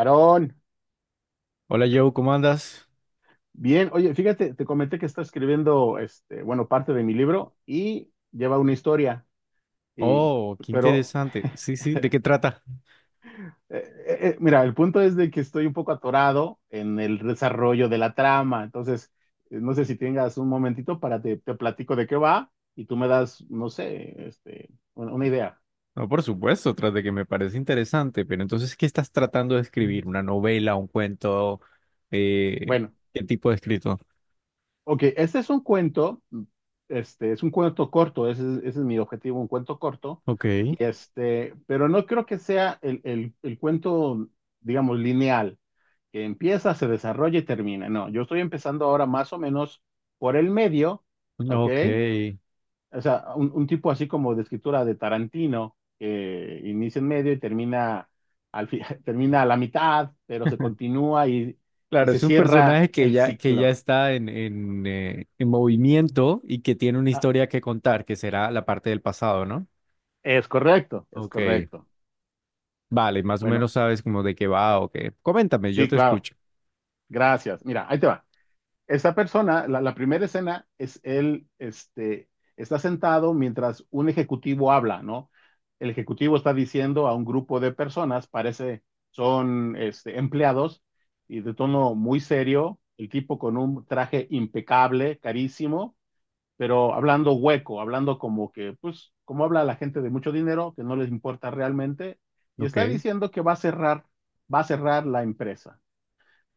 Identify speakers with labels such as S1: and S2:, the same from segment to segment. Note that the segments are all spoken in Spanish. S1: Aarón,
S2: Hola Joe, ¿cómo andas?
S1: bien, oye, fíjate, te comenté que está escribiendo, bueno, parte de mi libro y lleva una historia, y,
S2: Oh, qué
S1: pero,
S2: interesante. Sí, sí, ¿de qué trata?
S1: mira, el punto es de que estoy un poco atorado en el desarrollo de la trama. Entonces, no sé si tengas un momentito para te platico de qué va y tú me das, no sé, una idea.
S2: No, por supuesto, tras de que me parece interesante, pero entonces, ¿qué estás tratando de escribir? ¿Una novela, un cuento? Eh,
S1: Bueno.
S2: ¿Qué tipo de escrito?
S1: Ok, este es un cuento corto. Ese es mi objetivo, un cuento corto,
S2: Ok,
S1: y este, pero no creo que sea el cuento, digamos, lineal, que empieza, se desarrolla y termina. No, yo estoy empezando ahora más o menos por el medio. ¿Ok?
S2: ok.
S1: O sea, un tipo así como de escritura de Tarantino, que inicia en medio y termina, al fi- termina a la mitad, pero se continúa y
S2: Claro,
S1: se
S2: es un
S1: cierra
S2: personaje que
S1: el
S2: ya, que ya
S1: ciclo.
S2: está en, en, eh, en movimiento y que tiene una
S1: Ah,
S2: historia que contar, que será la parte del pasado, ¿no?
S1: es correcto, es
S2: Ok,
S1: correcto.
S2: vale, más o
S1: Bueno,
S2: menos sabes como de qué va o qué. Coméntame, yo
S1: sí,
S2: te
S1: claro.
S2: escucho.
S1: Gracias. Mira, ahí te va. Esta persona, la primera escena es él, este, está sentado mientras un ejecutivo habla, ¿no? El ejecutivo está diciendo a un grupo de personas, parece son este, empleados, y de tono muy serio, el tipo con un traje impecable, carísimo, pero hablando hueco, hablando como que, pues, como habla la gente de mucho dinero, que no les importa realmente, y
S2: Ok.
S1: está diciendo que va a cerrar la empresa.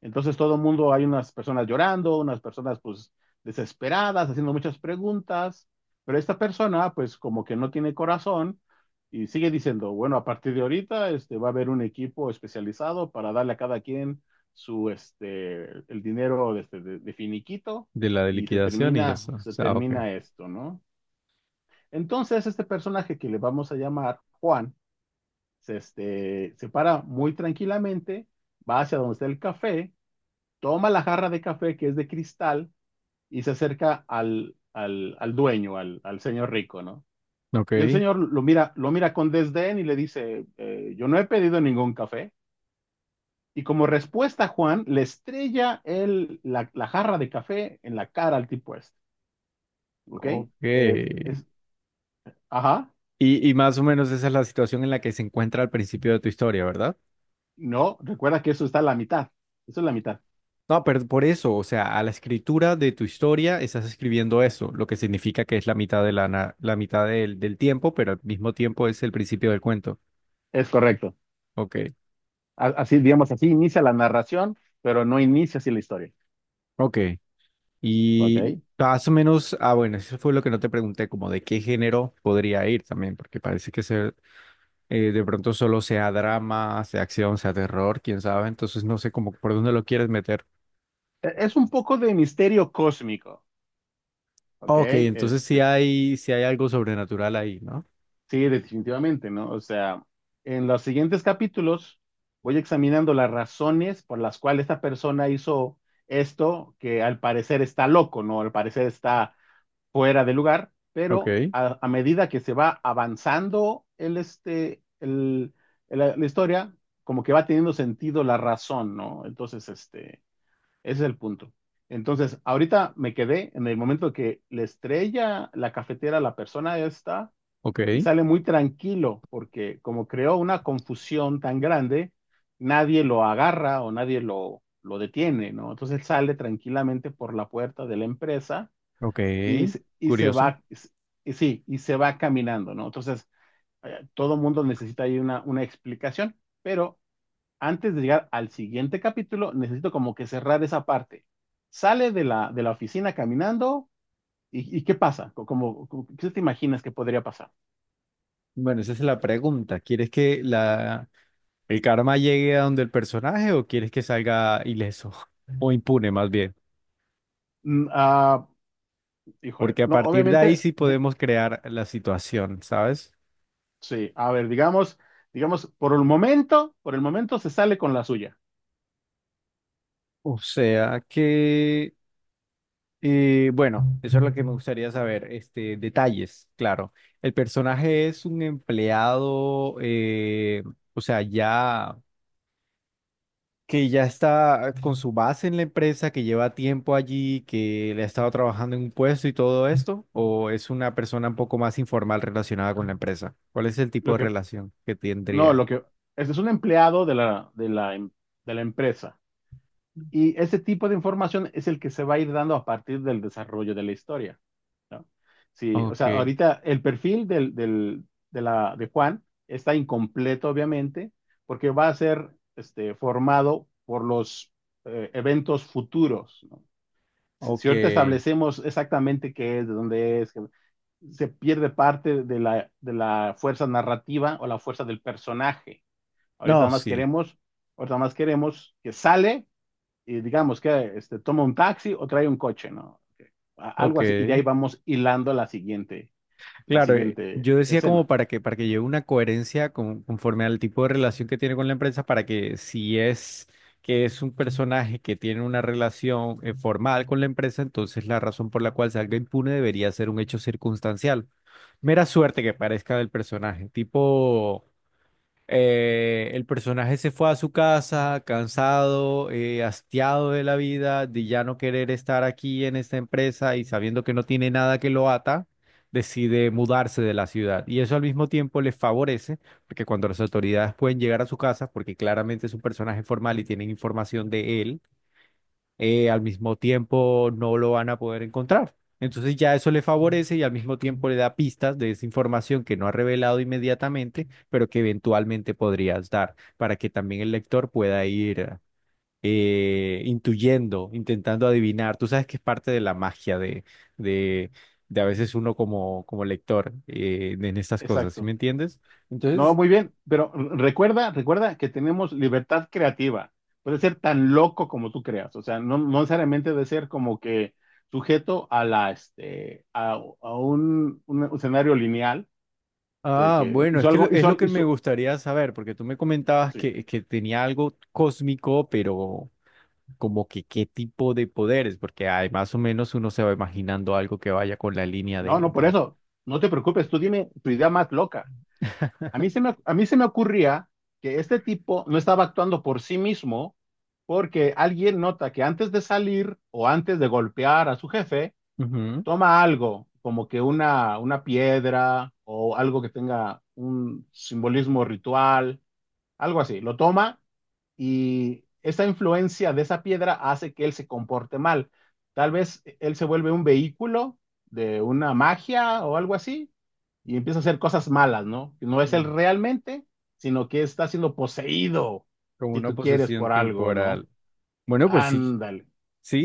S1: Entonces todo el mundo, hay unas personas llorando, unas personas pues desesperadas, haciendo muchas preguntas, pero esta persona pues como que no tiene corazón y sigue diciendo, bueno, a partir de ahorita este, va a haber un equipo especializado para darle a cada quien su, este, el dinero de, este, de finiquito
S2: De la de
S1: y
S2: liquidación y eso. O
S1: se
S2: sea, ok.
S1: termina esto, ¿no? Entonces este personaje que le vamos a llamar Juan, se, este, se para muy tranquilamente, va hacia donde está el café, toma la jarra de café que es de cristal y se acerca al dueño, al señor rico, ¿no?
S2: Ok.
S1: Y el señor lo mira con desdén y le dice, yo no he pedido ningún café. Y como respuesta, Juan le estrella la jarra de café en la cara al tipo este. ¿Ok?
S2: Ok.
S1: Eh, es, ajá,
S2: Y más o menos esa es la situación en la que se encuentra al principio de tu historia, ¿verdad?
S1: no, recuerda que eso está a la mitad, eso es la mitad.
S2: No, pero por eso, o sea, a la escritura de tu historia estás escribiendo eso, lo que significa que es la mitad de la mitad del tiempo, pero al mismo tiempo es el principio del cuento.
S1: Es correcto.
S2: Ok,
S1: Así, digamos, así inicia la narración, pero no inicia así la historia.
S2: ok.
S1: ¿ok?
S2: Y
S1: E-
S2: más o menos, ah, bueno, eso fue lo que no te pregunté, como de qué género podría ir también, porque parece que se, de pronto solo sea drama, sea acción, sea terror, quién sabe. Entonces no sé cómo por dónde lo quieres meter.
S1: Es un poco de misterio cósmico. Ok,
S2: Ok, entonces
S1: este,
S2: sí hay algo sobrenatural ahí, ¿no?
S1: sí, definitivamente, ¿no? O sea, en los siguientes capítulos voy examinando las razones por las cuales esta persona hizo esto, que al parecer está loco, ¿no? Al parecer está fuera de lugar,
S2: Ok,
S1: pero a medida que se va avanzando el, este, el- la historia, como que va teniendo sentido la razón, ¿no? Entonces, este, ese es el punto. Entonces, ahorita me quedé en el momento que le estrella la cafetera a la persona esta
S2: ok,
S1: y sale muy tranquilo porque como creó una confusión tan grande, nadie lo agarra o nadie lo detiene, ¿no? Entonces él sale tranquilamente por la puerta de la empresa
S2: ok.
S1: y, y se
S2: Curioso.
S1: va, y sí, y se va caminando, ¿no? Entonces, todo mundo necesita ahí una explicación, pero antes de llegar al siguiente capítulo, necesito como que cerrar esa parte. Sale de de la oficina caminando. Y qué pasa? ¿Qué te imaginas que podría pasar?
S2: Bueno, esa es la pregunta. ¿Quieres que la, el karma llegue a donde el personaje o quieres que salga ileso o impune más bien?
S1: Mm, ah, Híjole,
S2: Porque a
S1: no,
S2: partir de ahí
S1: obviamente,
S2: sí podemos crear la situación, ¿sabes?
S1: sí, a ver, digamos, digamos, por el momento se sale con la suya.
S2: O sea que... bueno, eso es lo que me gustaría saber. Este, detalles, claro. El personaje es un empleado, o sea, ya que ya está con su base en la empresa, que lleva tiempo allí, que le ha estado trabajando en un puesto y todo esto, o es una persona un poco más informal relacionada con la empresa. ¿Cuál es el tipo
S1: Lo
S2: de
S1: que,
S2: relación que
S1: no,
S2: tendría?
S1: lo que, Este es un empleado de de la empresa. Y ese tipo de información es el que se va a ir dando a partir del desarrollo de la historia, ¿no? Sí, o
S2: Ok,
S1: sea, ahorita el perfil de Juan está incompleto, obviamente, porque va a ser, este, formado por los eventos futuros, ¿no? Si
S2: ok.
S1: ahorita establecemos exactamente qué es, de dónde es, que se pierde parte de de la fuerza narrativa o la fuerza del personaje. Ahorita
S2: No,
S1: nada más
S2: sí,
S1: queremos, Ahorita nada más queremos que sale y digamos que este, toma un taxi o trae un coche, ¿no? Algo así, y de ahí
S2: ok.
S1: vamos hilando la
S2: Claro,
S1: siguiente
S2: yo decía como
S1: escena.
S2: para que lleve una coherencia con- conforme al tipo de relación que tiene con la empresa, para que si es que es un personaje que tiene una relación formal con la empresa, entonces la razón por la cual salga impune debería ser un hecho circunstancial. Mera suerte que parezca del personaje, tipo... el personaje se fue a su casa cansado, hastiado de la vida, de ya no querer estar aquí en esta empresa y sabiendo que no tiene nada que lo ata, decide mudarse de la ciudad. Y eso al mismo tiempo le favorece, porque cuando las autoridades pueden llegar a su casa, porque claramente es un personaje formal y tienen información de él, al mismo tiempo no lo van a poder encontrar. Entonces ya eso le favorece y al mismo tiempo le da pistas de esa información que no ha revelado inmediatamente, pero que eventualmente podrías dar para que también el lector pueda ir intuyendo, intentando adivinar. Tú sabes que es parte de la magia de, de a veces uno como, como lector en estas cosas, ¿sí me
S1: Exacto.
S2: entiendes?
S1: No,
S2: Entonces,
S1: muy bien, pero recuerda, recuerda que tenemos libertad creativa. Puede ser tan loco como tú creas, o sea, no, no necesariamente de ser como que sujeto a la, este, a, un escenario lineal
S2: ah,
S1: que
S2: bueno, es
S1: hizo
S2: que
S1: algo,
S2: lo- es
S1: hizo,
S2: lo
S1: al-
S2: que me
S1: hizo,
S2: gustaría saber, porque tú me comentabas
S1: sí.
S2: que tenía algo cósmico, pero como que qué tipo de poderes, porque hay más o menos uno se va imaginando algo que vaya con la línea
S1: No, no, por
S2: de-
S1: eso, no te preocupes, tú dime tu idea más loca. A mí se me ocurría que este tipo no estaba actuando por sí mismo porque alguien nota que antes de salir o antes de golpear a su jefe,
S2: Ujú.
S1: toma algo, como que una piedra o algo que tenga un simbolismo ritual, algo así. Lo toma y esa influencia de esa piedra hace que él se comporte mal. Él se vuelve un vehículo de una magia o algo así y empieza a hacer cosas malas, ¿no? Que no es él
S2: Mm,
S1: realmente, sino que está siendo poseído,
S2: como
S1: si
S2: una
S1: tú quieres,
S2: posesión
S1: por algo, ¿no?
S2: temporal. Bueno, pues sí,
S1: Ándale.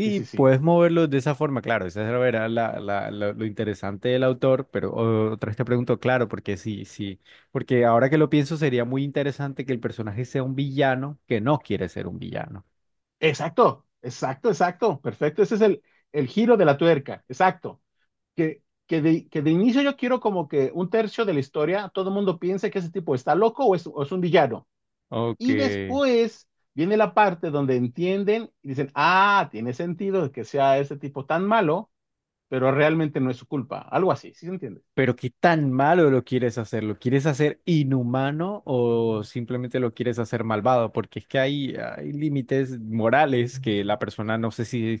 S1: Sí, sí, sí.
S2: puedes moverlo de esa forma, claro. Esa era la, la- la- lo interesante del autor, pero o- otra vez te pregunto, claro, porque sí, sí, porque ahora que lo pienso sería muy interesante que el personaje sea un villano que no quiere ser un villano.
S1: Exacto, exacto, exacto, perfecto. Ese es el giro de la tuerca, exacto. Que de inicio yo quiero como que un tercio de la historia, todo el mundo piense que ese tipo está loco o es un villano.
S2: Ok.
S1: Y después viene la parte donde entienden y dicen, ah, tiene sentido que sea ese tipo tan malo, pero realmente no es su culpa. Algo así, ¿sí se entiende?
S2: Pero ¿qué tan malo lo quieres hacer? ¿Lo quieres hacer inhumano o simplemente lo quieres hacer malvado? Porque es que hay límites morales que la persona no sé si,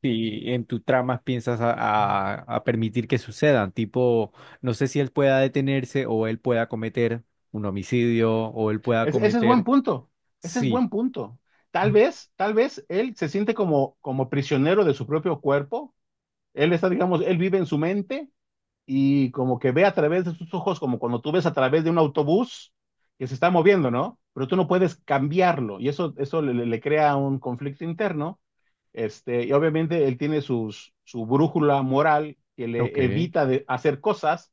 S2: si en tu trama piensas a permitir que sucedan. Tipo, no sé si él pueda detenerse o él pueda cometer un homicidio o él pueda
S1: Es- ese es buen
S2: cometer...
S1: punto, Ese es
S2: Sí,
S1: buen punto. Tal vez él se siente como, como prisionero de su propio cuerpo. Él está, digamos, él vive en su mente y como que ve a través de sus ojos, como cuando tú ves a través de un autobús que se está moviendo, ¿no? Pero tú no puedes cambiarlo y eso le crea un conflicto interno. Este, y obviamente él tiene su brújula moral que le
S2: ok.
S1: evita de hacer cosas,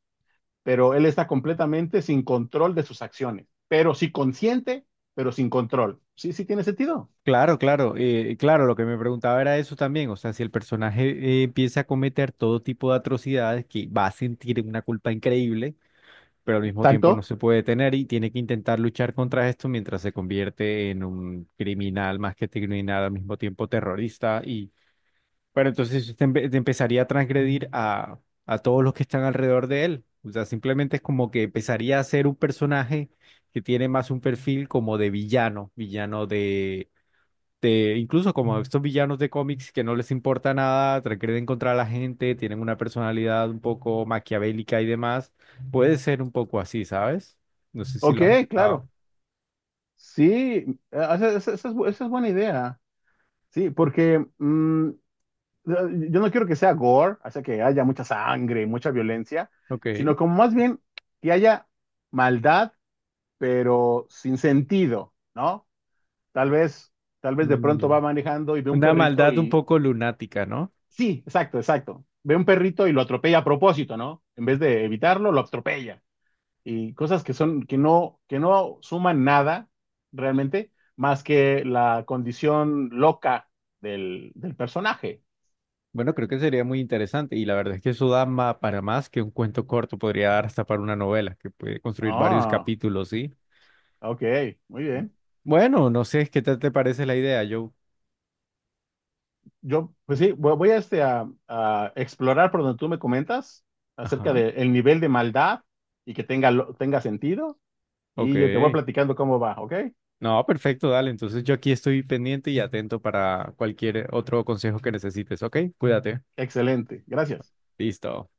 S1: pero él está completamente sin control de sus acciones, pero sí consciente, pero sin control. Sí, sí tiene sentido.
S2: Claro, claro, claro, lo que me preguntaba era eso también, o sea, si el personaje empieza a cometer todo tipo de atrocidades, que va a sentir una culpa increíble, pero al mismo tiempo no
S1: Exacto.
S2: se puede detener y tiene que intentar luchar contra esto mientras se convierte en un criminal más que criminal, al mismo tiempo terrorista, y pero entonces te, empe- te empezaría a transgredir a todos los que están alrededor de él, o sea, simplemente es como que empezaría a ser un personaje que tiene más un perfil como de villano, villano de incluso como estos villanos de cómics que no les importa nada, transgreden contra la gente, tienen una personalidad un poco maquiavélica y demás, puede ser un poco así, ¿sabes? No sé si
S1: Ok,
S2: lo has pensado.
S1: claro. Sí, esa es, esa es buena idea. Sí, porque eh, yo no quiero que sea gore, o sea, que haya mucha sangre, mucha violencia, sino
S2: Ok.
S1: como más bien que haya maldad, pero sin sentido, ¿no? Tal vez, tal vez de pronto
S2: Mm,
S1: va manejando y ve un
S2: una
S1: perrito
S2: maldad un
S1: y...
S2: poco lunática, ¿no?
S1: Sí, exacto, exacto. Ve un perrito y lo atropella a propósito, ¿no? En vez de evitarlo, lo atropella. Y cosas que son, que no suman nada realmente, más que la condición loca del personaje.
S2: Bueno, creo que sería muy interesante y la verdad es que eso da ma- para más que un cuento corto, podría dar hasta para una novela que puede construir varios
S1: Ah,
S2: capítulos, ¿sí?
S1: ok, muy bien.
S2: Bueno, no sé, ¿qué tal te parece la idea? Yo,
S1: Yo, pues sí, voy a explorar por donde tú me comentas acerca
S2: ajá,
S1: del nivel de maldad y que tenga, tenga sentido.
S2: ok.
S1: Y yo te voy platicando cómo va, ¿ok?
S2: No, perfecto, dale. Entonces yo aquí estoy pendiente y atento para cualquier otro consejo que necesites, ¿ok? Cuídate.
S1: Excelente, gracias.
S2: Listo.